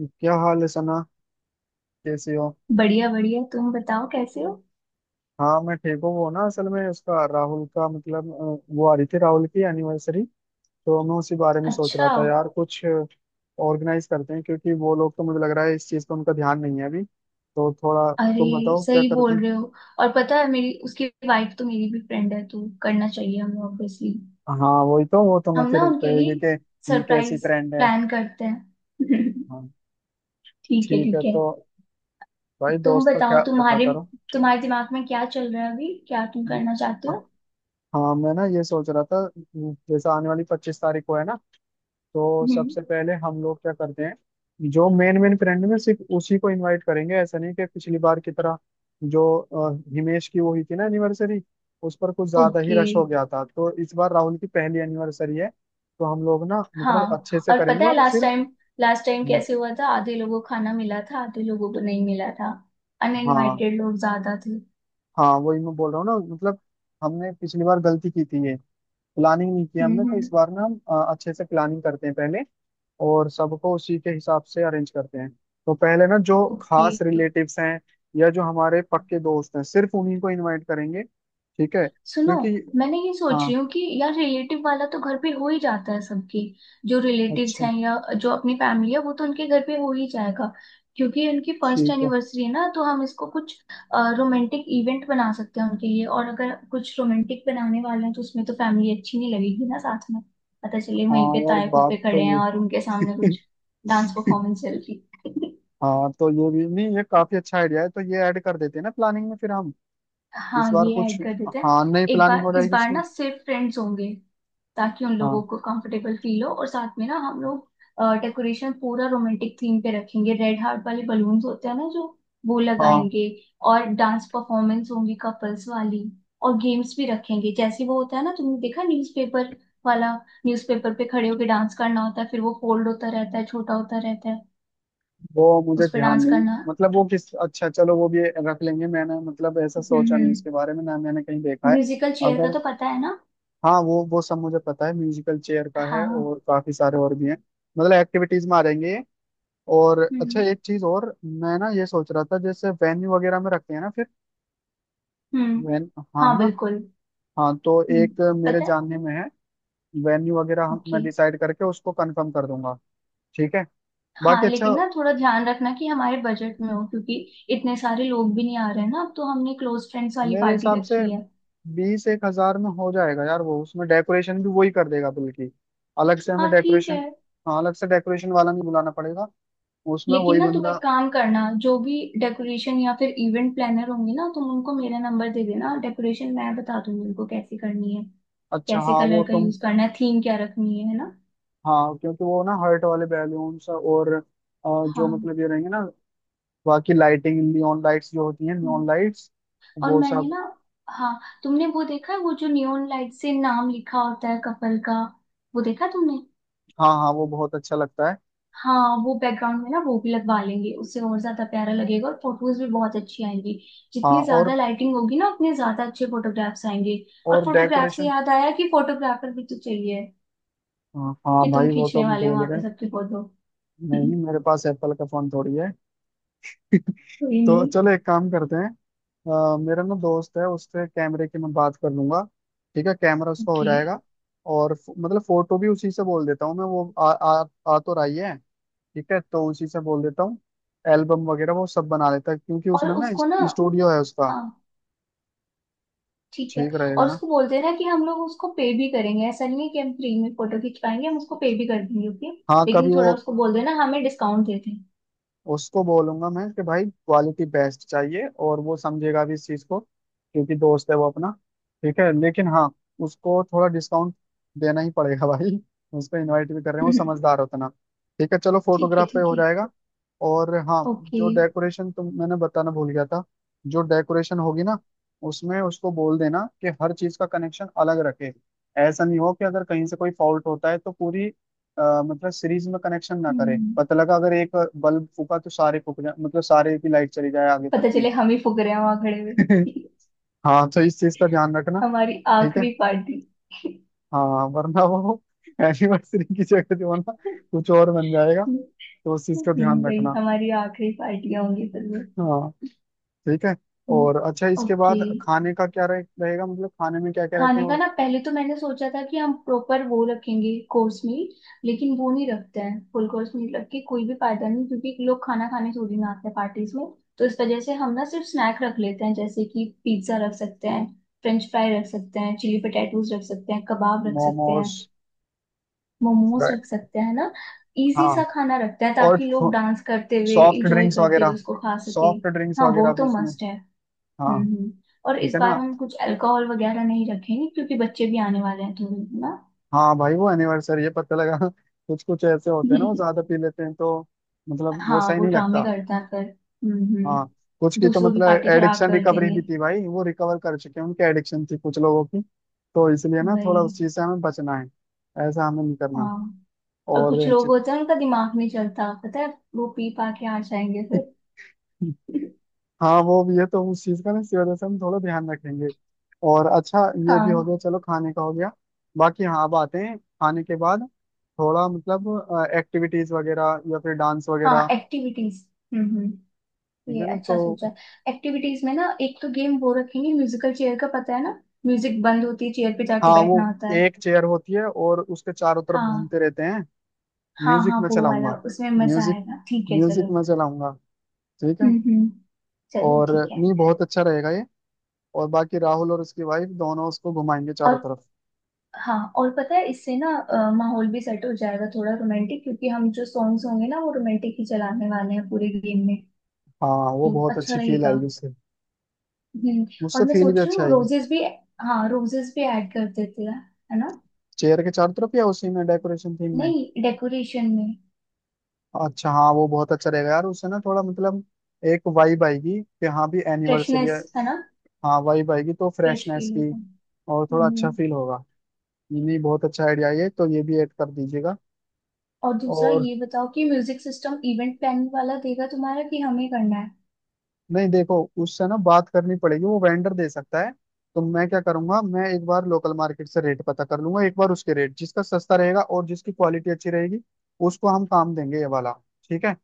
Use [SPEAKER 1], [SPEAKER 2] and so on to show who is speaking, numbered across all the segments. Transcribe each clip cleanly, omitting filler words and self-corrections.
[SPEAKER 1] क्या हाल है सना? कैसे हो?
[SPEAKER 2] बढ़िया बढ़िया, तुम बताओ कैसे हो।
[SPEAKER 1] हाँ, मैं ठीक हूँ। वो ना, असल में उसका राहुल का मतलब वो आ रही थी राहुल की एनिवर्सरी, तो मैं उसी बारे में सोच रहा
[SPEAKER 2] अच्छा।
[SPEAKER 1] था यार। कुछ ऑर्गेनाइज करते हैं, क्योंकि वो लोग तो मुझे लग रहा है इस चीज़ पर उनका ध्यान नहीं है अभी, तो थोड़ा
[SPEAKER 2] अरे
[SPEAKER 1] तुम बताओ क्या
[SPEAKER 2] सही
[SPEAKER 1] करते
[SPEAKER 2] बोल
[SPEAKER 1] हैं।
[SPEAKER 2] रहे हो। और पता है, मेरी उसकी वाइफ तो मेरी भी फ्रेंड है, तो करना चाहिए हमें ऑब्वियसली।
[SPEAKER 1] हाँ, वही तो। वो तो मैं
[SPEAKER 2] हम ना
[SPEAKER 1] फिर
[SPEAKER 2] उनके
[SPEAKER 1] कहेगी
[SPEAKER 2] लिए
[SPEAKER 1] कि कैसी
[SPEAKER 2] सरप्राइज
[SPEAKER 1] फ्रेंड है।
[SPEAKER 2] प्लान करते हैं
[SPEAKER 1] हाँ।
[SPEAKER 2] ठीक है,
[SPEAKER 1] ठीक है
[SPEAKER 2] ठीक है।
[SPEAKER 1] तो भाई
[SPEAKER 2] तुम
[SPEAKER 1] दोस्त का
[SPEAKER 2] बताओ
[SPEAKER 1] ख्याल रखा
[SPEAKER 2] तुम्हारे
[SPEAKER 1] करो।
[SPEAKER 2] तुम्हारे दिमाग में क्या चल रहा है अभी, क्या तुम करना चाहते हो।
[SPEAKER 1] हाँ, मैं ना ये सोच रहा था जैसे आने वाली 25 तारीख को है ना, तो
[SPEAKER 2] हम्म।
[SPEAKER 1] सबसे पहले हम लोग क्या करते हैं जो मेन मेन फ्रेंड में सिर्फ उसी को इनवाइट करेंगे, ऐसा नहीं कि पिछली बार की तरह जो हिमेश की वो हुई थी ना एनिवर्सरी, उस पर कुछ ज्यादा ही
[SPEAKER 2] ओके।
[SPEAKER 1] रश हो गया था। तो इस बार राहुल की पहली एनिवर्सरी है, तो हम लोग ना मतलब
[SPEAKER 2] हाँ
[SPEAKER 1] अच्छे से
[SPEAKER 2] और
[SPEAKER 1] करेंगे
[SPEAKER 2] पता है
[SPEAKER 1] और
[SPEAKER 2] लास्ट
[SPEAKER 1] सिर्फ
[SPEAKER 2] टाइम लास्ट टाइम कैसे हुआ था, आधे लोगों को खाना मिला था, आधे लोगों को नहीं मिला था।
[SPEAKER 1] हाँ।
[SPEAKER 2] अनइनवाइटेड लोग ज्यादा थे।
[SPEAKER 1] हाँ, वही मैं बोल रहा हूँ ना मतलब। हमने पिछली बार गलती की थी, ये प्लानिंग नहीं किया हमने, तो इस
[SPEAKER 2] हम्म।
[SPEAKER 1] बार ना हम अच्छे से प्लानिंग करते हैं पहले, और सबको उसी के हिसाब से अरेंज करते हैं। तो पहले ना जो
[SPEAKER 2] ओके।
[SPEAKER 1] खास रिलेटिव्स हैं या जो हमारे पक्के दोस्त हैं सिर्फ उन्हीं को इनवाइट करेंगे। ठीक है,
[SPEAKER 2] सुनो,
[SPEAKER 1] क्योंकि
[SPEAKER 2] मैंने ये सोच रही
[SPEAKER 1] हाँ।
[SPEAKER 2] हूँ कि यार रिलेटिव वाला तो घर पे हो ही जाता है सबके। जो रिलेटिव्स
[SPEAKER 1] अच्छा।
[SPEAKER 2] हैं या जो अपनी फैमिली है वो तो उनके घर पे हो ही जाएगा। क्योंकि उनकी फर्स्ट
[SPEAKER 1] ठीक है।
[SPEAKER 2] एनिवर्सरी है ना, तो हम इसको कुछ रोमांटिक इवेंट बना सकते हैं उनके लिए। और अगर कुछ रोमांटिक बनाने वाले हैं, तो उसमें तो फैमिली अच्छी नहीं लगेगी ना साथ में। पता चले
[SPEAKER 1] हाँ,
[SPEAKER 2] वहीं पे
[SPEAKER 1] यार
[SPEAKER 2] ताए
[SPEAKER 1] बात
[SPEAKER 2] फूफे
[SPEAKER 1] तो
[SPEAKER 2] खड़े हैं
[SPEAKER 1] ये।
[SPEAKER 2] और उनके सामने कुछ डांस परफॉर्मेंस चल रही है।
[SPEAKER 1] हाँ, तो ये भी नहीं, ये काफी अच्छा आइडिया है, तो ये ऐड कर देते हैं ना प्लानिंग में फिर हम। इस
[SPEAKER 2] हाँ,
[SPEAKER 1] बार
[SPEAKER 2] ये
[SPEAKER 1] कुछ
[SPEAKER 2] ऐड कर देते हैं।
[SPEAKER 1] हाँ नई
[SPEAKER 2] एक
[SPEAKER 1] प्लानिंग
[SPEAKER 2] बार
[SPEAKER 1] हो
[SPEAKER 2] इस
[SPEAKER 1] जाएगी
[SPEAKER 2] बार
[SPEAKER 1] इसकी।
[SPEAKER 2] ना सिर्फ फ्रेंड्स होंगे, ताकि उन लोगों
[SPEAKER 1] हाँ।
[SPEAKER 2] को कंफर्टेबल फील हो। और साथ में ना हम लोग डेकोरेशन पूरा रोमांटिक थीम पे रखेंगे। रेड हार्ट वाले बलून्स होते हैं ना, जो वो
[SPEAKER 1] हाँ,
[SPEAKER 2] लगाएंगे। और डांस परफॉर्मेंस होंगी कपल्स वाली। और गेम्स भी रखेंगे। जैसे वो होता है ना, तुमने देखा न्यूज़पेपर वाला। न्यूज़पेपर पे खड़े होके डांस करना होता है, फिर वो फोल्ड होता रहता है, छोटा होता रहता है,
[SPEAKER 1] वो मुझे
[SPEAKER 2] उस पर
[SPEAKER 1] ध्यान
[SPEAKER 2] डांस
[SPEAKER 1] नहीं।
[SPEAKER 2] करना।
[SPEAKER 1] मतलब वो किस, अच्छा चलो वो भी रख लेंगे। मैंने मतलब ऐसा सोचा नहीं
[SPEAKER 2] हम्म।
[SPEAKER 1] उसके बारे में, ना मैंने कहीं देखा है।
[SPEAKER 2] म्यूजिकल चेयर का
[SPEAKER 1] अगर
[SPEAKER 2] तो पता है ना।
[SPEAKER 1] हाँ वो सब मुझे पता है। म्यूजिकल चेयर का है
[SPEAKER 2] हाँ।
[SPEAKER 1] और काफी सारे और भी हैं। मतलब एक्टिविटीज में आ जाएंगे ये। और अच्छा
[SPEAKER 2] हम्म
[SPEAKER 1] एक चीज और मैं ना ये सोच रहा था, जैसे वेन्यू वगैरह में रखते हैं ना फिर
[SPEAKER 2] हम्म।
[SPEAKER 1] वेन। हाँ, है
[SPEAKER 2] हाँ
[SPEAKER 1] ना?
[SPEAKER 2] बिल्कुल।
[SPEAKER 1] हाँ, तो
[SPEAKER 2] हम्म।
[SPEAKER 1] एक मेरे
[SPEAKER 2] पता है।
[SPEAKER 1] जानने में है। वेन्यू वगैरह
[SPEAKER 2] ओके।
[SPEAKER 1] मैं डिसाइड करके उसको कंफर्म कर दूंगा। ठीक है,
[SPEAKER 2] हाँ
[SPEAKER 1] बाकी अच्छा।
[SPEAKER 2] लेकिन ना थोड़ा ध्यान रखना कि हमारे बजट में हो, क्योंकि इतने सारे लोग भी नहीं आ रहे हैं ना, अब तो हमने क्लोज फ्रेंड्स वाली
[SPEAKER 1] मेरे
[SPEAKER 2] पार्टी
[SPEAKER 1] हिसाब से
[SPEAKER 2] रखी है।
[SPEAKER 1] 20 एक हजार में हो जाएगा यार, वो उसमें डेकोरेशन भी वही कर देगा, बल्कि अलग से हमें
[SPEAKER 2] हाँ ठीक है।
[SPEAKER 1] डेकोरेशन हाँ, अलग से डेकोरेशन वाला नहीं बुलाना पड़ेगा। उसमें
[SPEAKER 2] लेकिन
[SPEAKER 1] वही
[SPEAKER 2] ना तुम
[SPEAKER 1] बंदा।
[SPEAKER 2] एक काम करना, जो भी डेकोरेशन या फिर इवेंट प्लानर होंगे ना, तुम उनको मेरा नंबर दे देना। डेकोरेशन मैं बता दूंगी उनको कैसे करनी है,
[SPEAKER 1] अच्छा,
[SPEAKER 2] कैसे
[SPEAKER 1] हाँ
[SPEAKER 2] कलर
[SPEAKER 1] वो
[SPEAKER 2] का
[SPEAKER 1] तुम।
[SPEAKER 2] यूज करना है, थीम क्या रखनी है ना।
[SPEAKER 1] हाँ, क्योंकि वो ना हर्ट वाले बैलून्स और जो
[SPEAKER 2] हाँ।
[SPEAKER 1] मतलब ये रहेंगे ना। बाकी लाइटिंग नियॉन लाइट्स जो होती हैं
[SPEAKER 2] हम्म,
[SPEAKER 1] नियॉन लाइट्स,
[SPEAKER 2] और
[SPEAKER 1] वो
[SPEAKER 2] मैंने
[SPEAKER 1] सब।
[SPEAKER 2] ना, हाँ तुमने वो देखा है वो जो नियॉन लाइट से नाम लिखा होता है कपल का, वो देखा तुमने।
[SPEAKER 1] हाँ, हाँ वो बहुत अच्छा लगता है।
[SPEAKER 2] हाँ वो बैकग्राउंड में ना वो भी लगवा लेंगे, उससे और ज्यादा प्यारा लगेगा और फोटोज भी बहुत अच्छी आएंगी।
[SPEAKER 1] हाँ
[SPEAKER 2] जितनी
[SPEAKER 1] और
[SPEAKER 2] ज्यादा लाइटिंग होगी ना, उतने ज्यादा अच्छे फोटोग्राफ्स आएंगे। और
[SPEAKER 1] और
[SPEAKER 2] फोटोग्राफ से
[SPEAKER 1] डेकोरेशन
[SPEAKER 2] याद आया कि फोटोग्राफर भी तो चाहिए,
[SPEAKER 1] हाँ,
[SPEAKER 2] कि
[SPEAKER 1] हाँ
[SPEAKER 2] तुम
[SPEAKER 1] भाई वो तो
[SPEAKER 2] खींचने
[SPEAKER 1] हम
[SPEAKER 2] वाले हो
[SPEAKER 1] भूल ही
[SPEAKER 2] वहां पे
[SPEAKER 1] गए।
[SPEAKER 2] सबकी फोटो।
[SPEAKER 1] नहीं, मेरे पास एप्पल का फोन थोड़ी है।
[SPEAKER 2] कोई
[SPEAKER 1] तो
[SPEAKER 2] नहीं।
[SPEAKER 1] चलो एक काम करते हैं, मेरा ना दोस्त है उससे कैमरे की मैं बात कर लूंगा। ठीक है, कैमरा उसका हो
[SPEAKER 2] ओके।
[SPEAKER 1] जाएगा। और मतलब फोटो भी उसी से बोल देता हूँ मैं वो आ तो रही है। ठीक है, तो उसी से बोल देता हूँ। एल्बम वगैरह वो सब बना लेता है, क्योंकि
[SPEAKER 2] और
[SPEAKER 1] उसने ना
[SPEAKER 2] उसको ना,
[SPEAKER 1] स्टूडियो है उसका।
[SPEAKER 2] हाँ ठीक है।
[SPEAKER 1] ठीक रहेगा
[SPEAKER 2] और
[SPEAKER 1] ना?
[SPEAKER 2] उसको बोलते हैं ना कि हम लोग उसको पे भी करेंगे, ऐसा नहीं है कि हम फ्री में फोटो खींच पाएंगे, हम उसको पे भी कर देंगे। ओके,
[SPEAKER 1] हाँ
[SPEAKER 2] लेकिन
[SPEAKER 1] कभी वो
[SPEAKER 2] थोड़ा उसको बोल देना हमें डिस्काउंट देते हैं।
[SPEAKER 1] उसको बोलूंगा मैं कि भाई क्वालिटी बेस्ट चाहिए, और वो समझेगा भी इस चीज को क्योंकि दोस्त है वो अपना। ठीक है, लेकिन हाँ उसको थोड़ा डिस्काउंट देना ही पड़ेगा भाई। उसको इनवाइट भी कर रहे हैं, वो समझदार होता ना। ठीक है, चलो
[SPEAKER 2] ठीक है,
[SPEAKER 1] फोटोग्राफ पे
[SPEAKER 2] ठीक
[SPEAKER 1] हो
[SPEAKER 2] है।
[SPEAKER 1] जाएगा। और हाँ,
[SPEAKER 2] ओके।
[SPEAKER 1] जो डेकोरेशन तुम मैंने बताना भूल गया था, जो डेकोरेशन होगी ना, उसमें उसको बोल देना कि हर चीज का कनेक्शन अलग रखे। ऐसा नहीं हो कि अगर कहीं से कोई फॉल्ट होता है तो पूरी मतलब सीरीज में कनेक्शन ना करे,
[SPEAKER 2] हम्म।
[SPEAKER 1] पता लगा अगर एक बल्ब फूका तो सारे फूक जाए, मतलब सारे की लाइट चली जाए आगे तक
[SPEAKER 2] पता
[SPEAKER 1] की।
[SPEAKER 2] चले हम ही फुक रहे हैं वहां खड़े हुए।
[SPEAKER 1] हाँ, तो इस चीज का ध्यान रखना।
[SPEAKER 2] हमारी
[SPEAKER 1] ठीक है,
[SPEAKER 2] आखिरी पार्टी।
[SPEAKER 1] हाँ, वरना वो एनिवर्सरी की जगह जो है ना, कुछ और बन जाएगा। तो उस चीज का ध्यान
[SPEAKER 2] भाई
[SPEAKER 1] रखना।
[SPEAKER 2] हमारी आखिरी पार्टियां होंगी फिर वो।
[SPEAKER 1] हाँ। ठीक है।
[SPEAKER 2] हम्म,
[SPEAKER 1] और अच्छा इसके
[SPEAKER 2] ओके।
[SPEAKER 1] बाद खाने का क्या रहेगा, मतलब खाने में क्या क्या रखें?
[SPEAKER 2] खाने का
[SPEAKER 1] और
[SPEAKER 2] ना पहले तो मैंने सोचा था कि हम प्रॉपर वो रखेंगे कोर्स मील। लेकिन वो नहीं रखते हैं, फुल कोर्स मील रख के कोई भी फायदा नहीं, क्योंकि लोग खाना खाने थोड़ी ना आते हैं पार्टीज में। तो इस वजह से हम ना सिर्फ स्नैक रख लेते हैं। जैसे कि पिज्जा रख सकते हैं, फ्रेंच फ्राई रख सकते हैं, चिली पटेटोज रख सकते हैं, कबाब रख सकते हैं,
[SPEAKER 1] मोमोज।
[SPEAKER 2] मोमोज
[SPEAKER 1] Right.
[SPEAKER 2] रख सकते हैं ना। इजी सा
[SPEAKER 1] हाँ
[SPEAKER 2] खाना रखते हैं,
[SPEAKER 1] और
[SPEAKER 2] ताकि लोग डांस करते हुए
[SPEAKER 1] सॉफ्ट
[SPEAKER 2] इंजॉय
[SPEAKER 1] ड्रिंक्स
[SPEAKER 2] करते हुए
[SPEAKER 1] वगैरह,
[SPEAKER 2] उसको खा सके।
[SPEAKER 1] सॉफ्ट ड्रिंक्स
[SPEAKER 2] हाँ वो
[SPEAKER 1] वगैरह भी
[SPEAKER 2] तो
[SPEAKER 1] इसमें।
[SPEAKER 2] मस्ट है।
[SPEAKER 1] हाँ।
[SPEAKER 2] हम्म। और
[SPEAKER 1] ठीक
[SPEAKER 2] इस
[SPEAKER 1] है
[SPEAKER 2] बार
[SPEAKER 1] ना।
[SPEAKER 2] हम कुछ अल्कोहल वगैरह नहीं रखेंगे, क्योंकि बच्चे भी आने वाले हैं थोड़े ना।
[SPEAKER 1] हाँ भाई वो एनिवर्सरी है, पता लगा। कुछ कुछ ऐसे होते हैं ना वो ज्यादा पी लेते हैं, तो मतलब वो
[SPEAKER 2] हाँ
[SPEAKER 1] सही
[SPEAKER 2] वो
[SPEAKER 1] नहीं
[SPEAKER 2] ड्रामे
[SPEAKER 1] लगता।
[SPEAKER 2] करता है फिर।
[SPEAKER 1] हाँ,
[SPEAKER 2] हम्म।
[SPEAKER 1] कुछ की तो
[SPEAKER 2] दूसरों की
[SPEAKER 1] मतलब
[SPEAKER 2] पार्टी खराब
[SPEAKER 1] एडिक्शन
[SPEAKER 2] कर
[SPEAKER 1] रिकवरी भी
[SPEAKER 2] देंगे।
[SPEAKER 1] थी भाई, वो रिकवर कर चुके हैं, उनकी एडिक्शन थी कुछ लोगों की। तो इसलिए ना थोड़ा
[SPEAKER 2] वही।
[SPEAKER 1] उस चीज से हमें बचना है। ऐसा हमें नहीं करना।
[SPEAKER 2] हाँ। और
[SPEAKER 1] और
[SPEAKER 2] कुछ लोग होते हैं उनका दिमाग नहीं चलता पता है, वो पी पा के आ जाएंगे फिर।
[SPEAKER 1] हाँ, वो भी है, तो उस चीज का ना इसी वजह से हम थोड़ा ध्यान रखेंगे। और अच्छा, ये भी हो
[SPEAKER 2] हाँ।
[SPEAKER 1] गया, चलो खाने का हो गया। बाकी हाँ, अब आते हैं खाने के बाद थोड़ा मतलब एक्टिविटीज वगैरह या फिर डांस
[SPEAKER 2] हाँ
[SPEAKER 1] वगैरह।
[SPEAKER 2] एक्टिविटीज। हम्म।
[SPEAKER 1] ठीक
[SPEAKER 2] ये
[SPEAKER 1] है ना? तो
[SPEAKER 2] अच्छा सोचा। एक्टिविटीज में ना एक तो गेम वो रखेंगे म्यूजिकल चेयर का, पता है ना। म्यूजिक बंद होती है, चेयर पे जाके
[SPEAKER 1] हाँ,
[SPEAKER 2] बैठना
[SPEAKER 1] वो
[SPEAKER 2] होता है।
[SPEAKER 1] एक चेयर होती है और उसके चारों तरफ
[SPEAKER 2] हाँ।
[SPEAKER 1] घूमते रहते हैं।
[SPEAKER 2] हाँ
[SPEAKER 1] म्यूजिक
[SPEAKER 2] हाँ
[SPEAKER 1] में
[SPEAKER 2] वो
[SPEAKER 1] चलाऊंगा।
[SPEAKER 2] वाला, उसमें मजा
[SPEAKER 1] म्यूजिक,
[SPEAKER 2] आएगा। ठीक है चलो।
[SPEAKER 1] म्यूजिक में चलाऊंगा। ठीक है।
[SPEAKER 2] हम्म। चलो
[SPEAKER 1] और
[SPEAKER 2] ठीक है।
[SPEAKER 1] नहीं, बहुत अच्छा रहेगा ये। और बाकी राहुल और उसकी वाइफ दोनों उसको घुमाएंगे
[SPEAKER 2] और
[SPEAKER 1] चारों तरफ।
[SPEAKER 2] हाँ और पता है इससे ना माहौल भी सेट हो जाएगा थोड़ा रोमांटिक, क्योंकि हम जो सॉन्ग्स होंगे ना वो रोमांटिक ही चलाने वाले हैं पूरे गेम में।
[SPEAKER 1] हाँ, वो
[SPEAKER 2] तो
[SPEAKER 1] बहुत
[SPEAKER 2] अच्छा
[SPEAKER 1] अच्छी फील
[SPEAKER 2] रहेगा।
[SPEAKER 1] आएगी उससे।
[SPEAKER 2] हम्म। और
[SPEAKER 1] मुझसे
[SPEAKER 2] मैं
[SPEAKER 1] फील भी
[SPEAKER 2] सोच रही
[SPEAKER 1] अच्छी
[SPEAKER 2] हूँ
[SPEAKER 1] आएगी।
[SPEAKER 2] रोजेस भी, हाँ रोजेस भी ऐड कर देते हैं, है ना।
[SPEAKER 1] चेयर के चारों तरफ या उसी में डेकोरेशन थीम में?
[SPEAKER 2] नहीं डेकोरेशन में।
[SPEAKER 1] अच्छा, हाँ वो बहुत अच्छा रहेगा यार, उससे ना थोड़ा मतलब एक वाइब आएगी कि हाँ भी एनिवर्सरी है।
[SPEAKER 2] फ्रेशनेस है ना।
[SPEAKER 1] हाँ, वाइब आएगी तो
[SPEAKER 2] फ्रेश
[SPEAKER 1] फ्रेशनेस
[SPEAKER 2] फील
[SPEAKER 1] की।
[SPEAKER 2] होगा।
[SPEAKER 1] और थोड़ा अच्छा
[SPEAKER 2] हम्म,
[SPEAKER 1] फील होगा। ये नहीं, बहुत अच्छा आइडिया है ये, तो ये भी ऐड कर दीजिएगा।
[SPEAKER 2] और दूसरा
[SPEAKER 1] और
[SPEAKER 2] ये बताओ कि म्यूजिक सिस्टम इवेंट प्लानिंग वाला देगा तुम्हारा कि हमें करना है।
[SPEAKER 1] नहीं, देखो उससे ना बात करनी पड़ेगी, वो वेंडर दे सकता है। तो मैं क्या करूंगा मैं एक बार लोकल मार्केट से रेट पता कर लूंगा एक बार, उसके रेट जिसका सस्ता रहेगा और जिसकी क्वालिटी अच्छी रहेगी उसको हम काम देंगे ये वाला। ठीक है,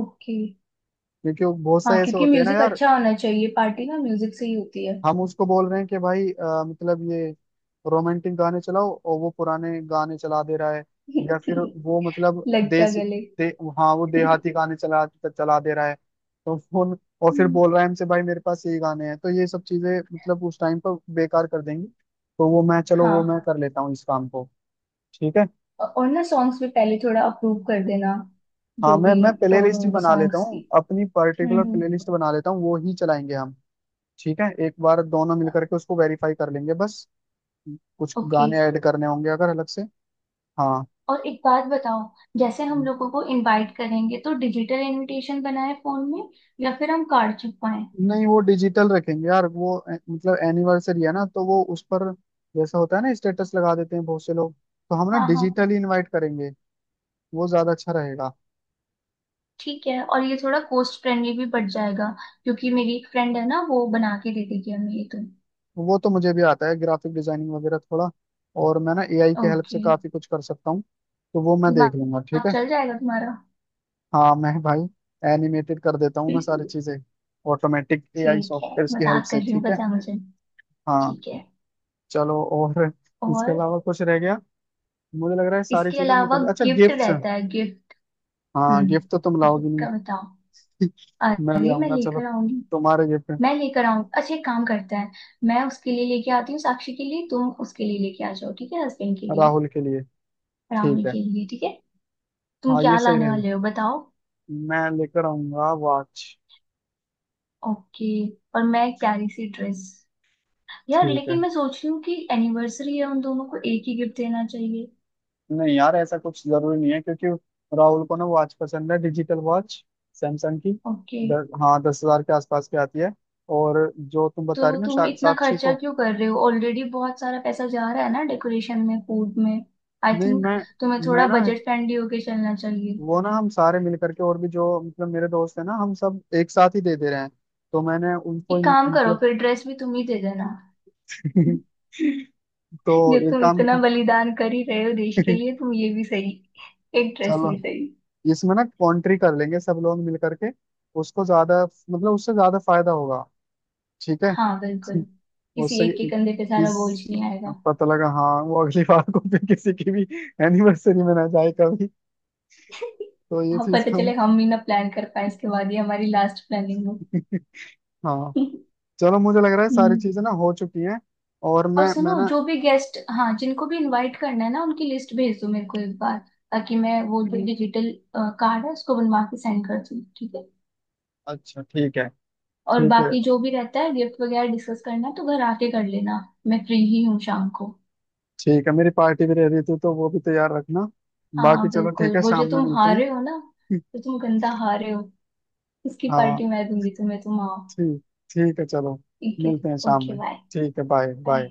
[SPEAKER 2] ओके।
[SPEAKER 1] क्योंकि वो बहुत
[SPEAKER 2] हाँ
[SPEAKER 1] से ऐसे
[SPEAKER 2] क्योंकि
[SPEAKER 1] होते हैं ना
[SPEAKER 2] म्यूजिक
[SPEAKER 1] यार।
[SPEAKER 2] अच्छा होना चाहिए, पार्टी ना म्यूजिक से ही होती है।
[SPEAKER 1] हम उसको बोल रहे हैं कि भाई मतलब ये रोमांटिक गाने चलाओ और वो पुराने गाने चला दे रहा है। या फिर वो मतलब
[SPEAKER 2] लग जा
[SPEAKER 1] देसी
[SPEAKER 2] गले।
[SPEAKER 1] दे, हाँ वो देहाती गाने चला चला दे रहा है। तो फोन और फिर
[SPEAKER 2] हम्म,
[SPEAKER 1] बोल रहा है हमसे भाई मेरे पास यही गाने हैं, तो ये सब चीजें मतलब उस टाइम पर बेकार कर देंगी। तो वो मैं, चलो वो
[SPEAKER 2] हाँ।
[SPEAKER 1] मैं कर लेता हूँ इस काम को। ठीक है,
[SPEAKER 2] और ना सॉन्ग्स भी पहले थोड़ा अप्रूव कर देना,
[SPEAKER 1] हाँ
[SPEAKER 2] जो
[SPEAKER 1] मैं
[SPEAKER 2] भी
[SPEAKER 1] मैं प्ले
[SPEAKER 2] टोन
[SPEAKER 1] लिस्ट
[SPEAKER 2] होगी
[SPEAKER 1] बना लेता
[SPEAKER 2] सॉन्ग्स
[SPEAKER 1] हूँ,
[SPEAKER 2] की।
[SPEAKER 1] अपनी पर्टिकुलर प्ले
[SPEAKER 2] हम्म।
[SPEAKER 1] लिस्ट बना लेता हूँ, वो ही चलाएंगे हम। ठीक है, एक बार दोनों मिलकर के उसको वेरीफाई कर लेंगे बस, कुछ
[SPEAKER 2] ओके।
[SPEAKER 1] गाने ऐड करने होंगे अगर अलग से। हाँ।
[SPEAKER 2] और एक बात बताओ, जैसे हम लोगों को इनवाइट करेंगे तो डिजिटल इनविटेशन बनाए फोन में या फिर हम कार्ड छपवाएं।
[SPEAKER 1] नहीं, वो डिजिटल रखेंगे यार, वो मतलब एनिवर्सरी है ना, तो वो उस पर जैसा होता है ना स्टेटस लगा देते हैं बहुत से लोग, तो हम ना
[SPEAKER 2] हाँ हाँ।
[SPEAKER 1] डिजिटली इनवाइट करेंगे, वो ज्यादा अच्छा रहेगा।
[SPEAKER 2] ठीक है और ये थोड़ा कोस्ट फ्रेंडली भी पड़ जाएगा, क्योंकि मेरी एक फ्रेंड है ना वो बना के दे देगी हमें, ये तो
[SPEAKER 1] वो तो मुझे भी आता है ग्राफिक डिजाइनिंग वगैरह थोड़ा, और मैं ना एआई के हेल्प से
[SPEAKER 2] ओके।
[SPEAKER 1] काफी कुछ कर सकता हूँ, तो वो मैं देख लूंगा।
[SPEAKER 2] दिमाग
[SPEAKER 1] ठीक है,
[SPEAKER 2] चल जाएगा तुम्हारा।
[SPEAKER 1] हाँ मैं भाई एनिमेटेड कर देता हूँ मैं सारी चीजें, ऑटोमेटिक एआई
[SPEAKER 2] ठीक है,
[SPEAKER 1] सॉफ्टवेयर की हेल्प
[SPEAKER 2] मजाक कर
[SPEAKER 1] से।
[SPEAKER 2] रही हूँ,
[SPEAKER 1] ठीक है,
[SPEAKER 2] पता है मुझे।
[SPEAKER 1] हाँ
[SPEAKER 2] ठीक है।
[SPEAKER 1] चलो। और इसके
[SPEAKER 2] और
[SPEAKER 1] अलावा कुछ रह गया? मुझे लग रहा है सारी
[SPEAKER 2] इसके
[SPEAKER 1] चीजें हमने
[SPEAKER 2] अलावा
[SPEAKER 1] कर दी। अच्छा
[SPEAKER 2] गिफ्ट
[SPEAKER 1] गिफ्ट।
[SPEAKER 2] रहता है गिफ्ट।
[SPEAKER 1] हाँ, गिफ्ट तो तुम
[SPEAKER 2] हम्म।
[SPEAKER 1] लाओगी
[SPEAKER 2] गिफ्ट
[SPEAKER 1] नहीं।
[SPEAKER 2] का बताओ।
[SPEAKER 1] मैं ले
[SPEAKER 2] अरे मैं
[SPEAKER 1] आऊंगा, चलो
[SPEAKER 2] लेकर आऊंगी।
[SPEAKER 1] तुम्हारे गिफ्ट।
[SPEAKER 2] मैं लेकर आऊंगी। अच्छा एक काम करता है, मैं उसके लिए लेके आती हूँ साक्षी के लिए, तुम उसके लिए लेके आ जाओ, ठीक है, हस्बैंड के लिए।
[SPEAKER 1] राहुल के लिए
[SPEAKER 2] राहुल
[SPEAKER 1] ठीक है।
[SPEAKER 2] के लिए। ठीक है तुम
[SPEAKER 1] हाँ
[SPEAKER 2] क्या
[SPEAKER 1] ये सही
[SPEAKER 2] लाने
[SPEAKER 1] रहेगा।
[SPEAKER 2] वाले हो बताओ।
[SPEAKER 1] मैं लेकर आऊंगा वॉच।
[SPEAKER 2] ओके। और मैं एक प्यारी सी ड्रेस। यार
[SPEAKER 1] ठीक
[SPEAKER 2] लेकिन
[SPEAKER 1] है,
[SPEAKER 2] मैं सोच रही हूँ कि एनिवर्सरी है, उन दोनों को एक ही गिफ्ट देना चाहिए।
[SPEAKER 1] नहीं यार ऐसा कुछ जरूरी नहीं है, क्योंकि राहुल को ना वॉच पसंद है डिजिटल वॉच, सैमसंग की।
[SPEAKER 2] ओके।
[SPEAKER 1] हाँ 10 हजार के आसपास की आती है। और जो तुम
[SPEAKER 2] तो
[SPEAKER 1] बता रही हो ना
[SPEAKER 2] तुम इतना
[SPEAKER 1] साक्षी
[SPEAKER 2] खर्चा
[SPEAKER 1] को,
[SPEAKER 2] क्यों कर रहे हो, ऑलरेडी बहुत सारा पैसा जा रहा है ना डेकोरेशन में, फूड में। आई
[SPEAKER 1] नहीं
[SPEAKER 2] थिंक
[SPEAKER 1] मैं
[SPEAKER 2] तुम्हें
[SPEAKER 1] मैं
[SPEAKER 2] थोड़ा
[SPEAKER 1] ना,
[SPEAKER 2] बजट फ्रेंडली होके चलना चाहिए।
[SPEAKER 1] वो ना हम सारे मिल करके और भी जो मतलब मेरे दोस्त हैं ना हम सब एक साथ ही दे दे रहे हैं, तो मैंने उनको
[SPEAKER 2] एक काम करो
[SPEAKER 1] मतलब
[SPEAKER 2] फिर, ड्रेस भी तुम ही दे देना।
[SPEAKER 1] तो
[SPEAKER 2] जब
[SPEAKER 1] एक
[SPEAKER 2] तुम
[SPEAKER 1] काम।
[SPEAKER 2] इतना बलिदान कर ही रहे हो देश के लिए, तुम ये भी सही, एक ड्रेस
[SPEAKER 1] चलो,
[SPEAKER 2] भी सही।
[SPEAKER 1] इसमें ना कॉन्ट्री कर लेंगे सब लोग मिल करके, उसको ज्यादा मतलब उससे ज्यादा फायदा होगा। ठीक है।
[SPEAKER 2] हाँ बिल्कुल, किसी
[SPEAKER 1] उससे
[SPEAKER 2] एक के कंधे पे सारा
[SPEAKER 1] किस,
[SPEAKER 2] बोझ नहीं आएगा।
[SPEAKER 1] पता लगा हाँ वो अगली बार को फिर किसी की भी एनिवर्सरी में ना जाए कभी, तो ये
[SPEAKER 2] अब
[SPEAKER 1] चीज
[SPEAKER 2] पता
[SPEAKER 1] हम।
[SPEAKER 2] चले हम ही ना प्लान कर पाए, इसके बाद ये हमारी लास्ट प्लानिंग हो।
[SPEAKER 1] हाँ चलो, मुझे लग रहा है सारी
[SPEAKER 2] हम्म।
[SPEAKER 1] चीजें ना हो चुकी हैं। और
[SPEAKER 2] और
[SPEAKER 1] मैं
[SPEAKER 2] सुनो
[SPEAKER 1] ना
[SPEAKER 2] जो भी गेस्ट, हाँ जिनको भी इनवाइट करना है ना उनकी लिस्ट भेज दो मेरे को एक बार, ताकि मैं वो जो डिजिटल कार्ड है उसको बनवा के सेंड कर दूँ, ठीक है।
[SPEAKER 1] अच्छा ठीक है।
[SPEAKER 2] और
[SPEAKER 1] ठीक है
[SPEAKER 2] बाकी जो भी रहता है गिफ्ट वगैरह डिस्कस करना है तो घर आके कर लेना, मैं फ्री ही हूँ शाम को।
[SPEAKER 1] ठीक है, मेरी पार्टी भी रेडी थी, तो वो भी तैयार रखना। बाकी
[SPEAKER 2] हाँ
[SPEAKER 1] चलो
[SPEAKER 2] बिल्कुल,
[SPEAKER 1] ठीक है,
[SPEAKER 2] वो जो
[SPEAKER 1] शाम में
[SPEAKER 2] तुम
[SPEAKER 1] मिलते हैं।
[SPEAKER 2] हारे हो ना, जो तुम गंदा हारे हो, उसकी
[SPEAKER 1] हाँ,
[SPEAKER 2] पार्टी मैं दूंगी तुम्हें, तुम आओ।
[SPEAKER 1] ठीक ठीक है चलो,
[SPEAKER 2] ठीक है।
[SPEAKER 1] मिलते हैं शाम
[SPEAKER 2] ओके
[SPEAKER 1] में।
[SPEAKER 2] बाय।
[SPEAKER 1] ठीक है, बाय
[SPEAKER 2] बाय।
[SPEAKER 1] बाय।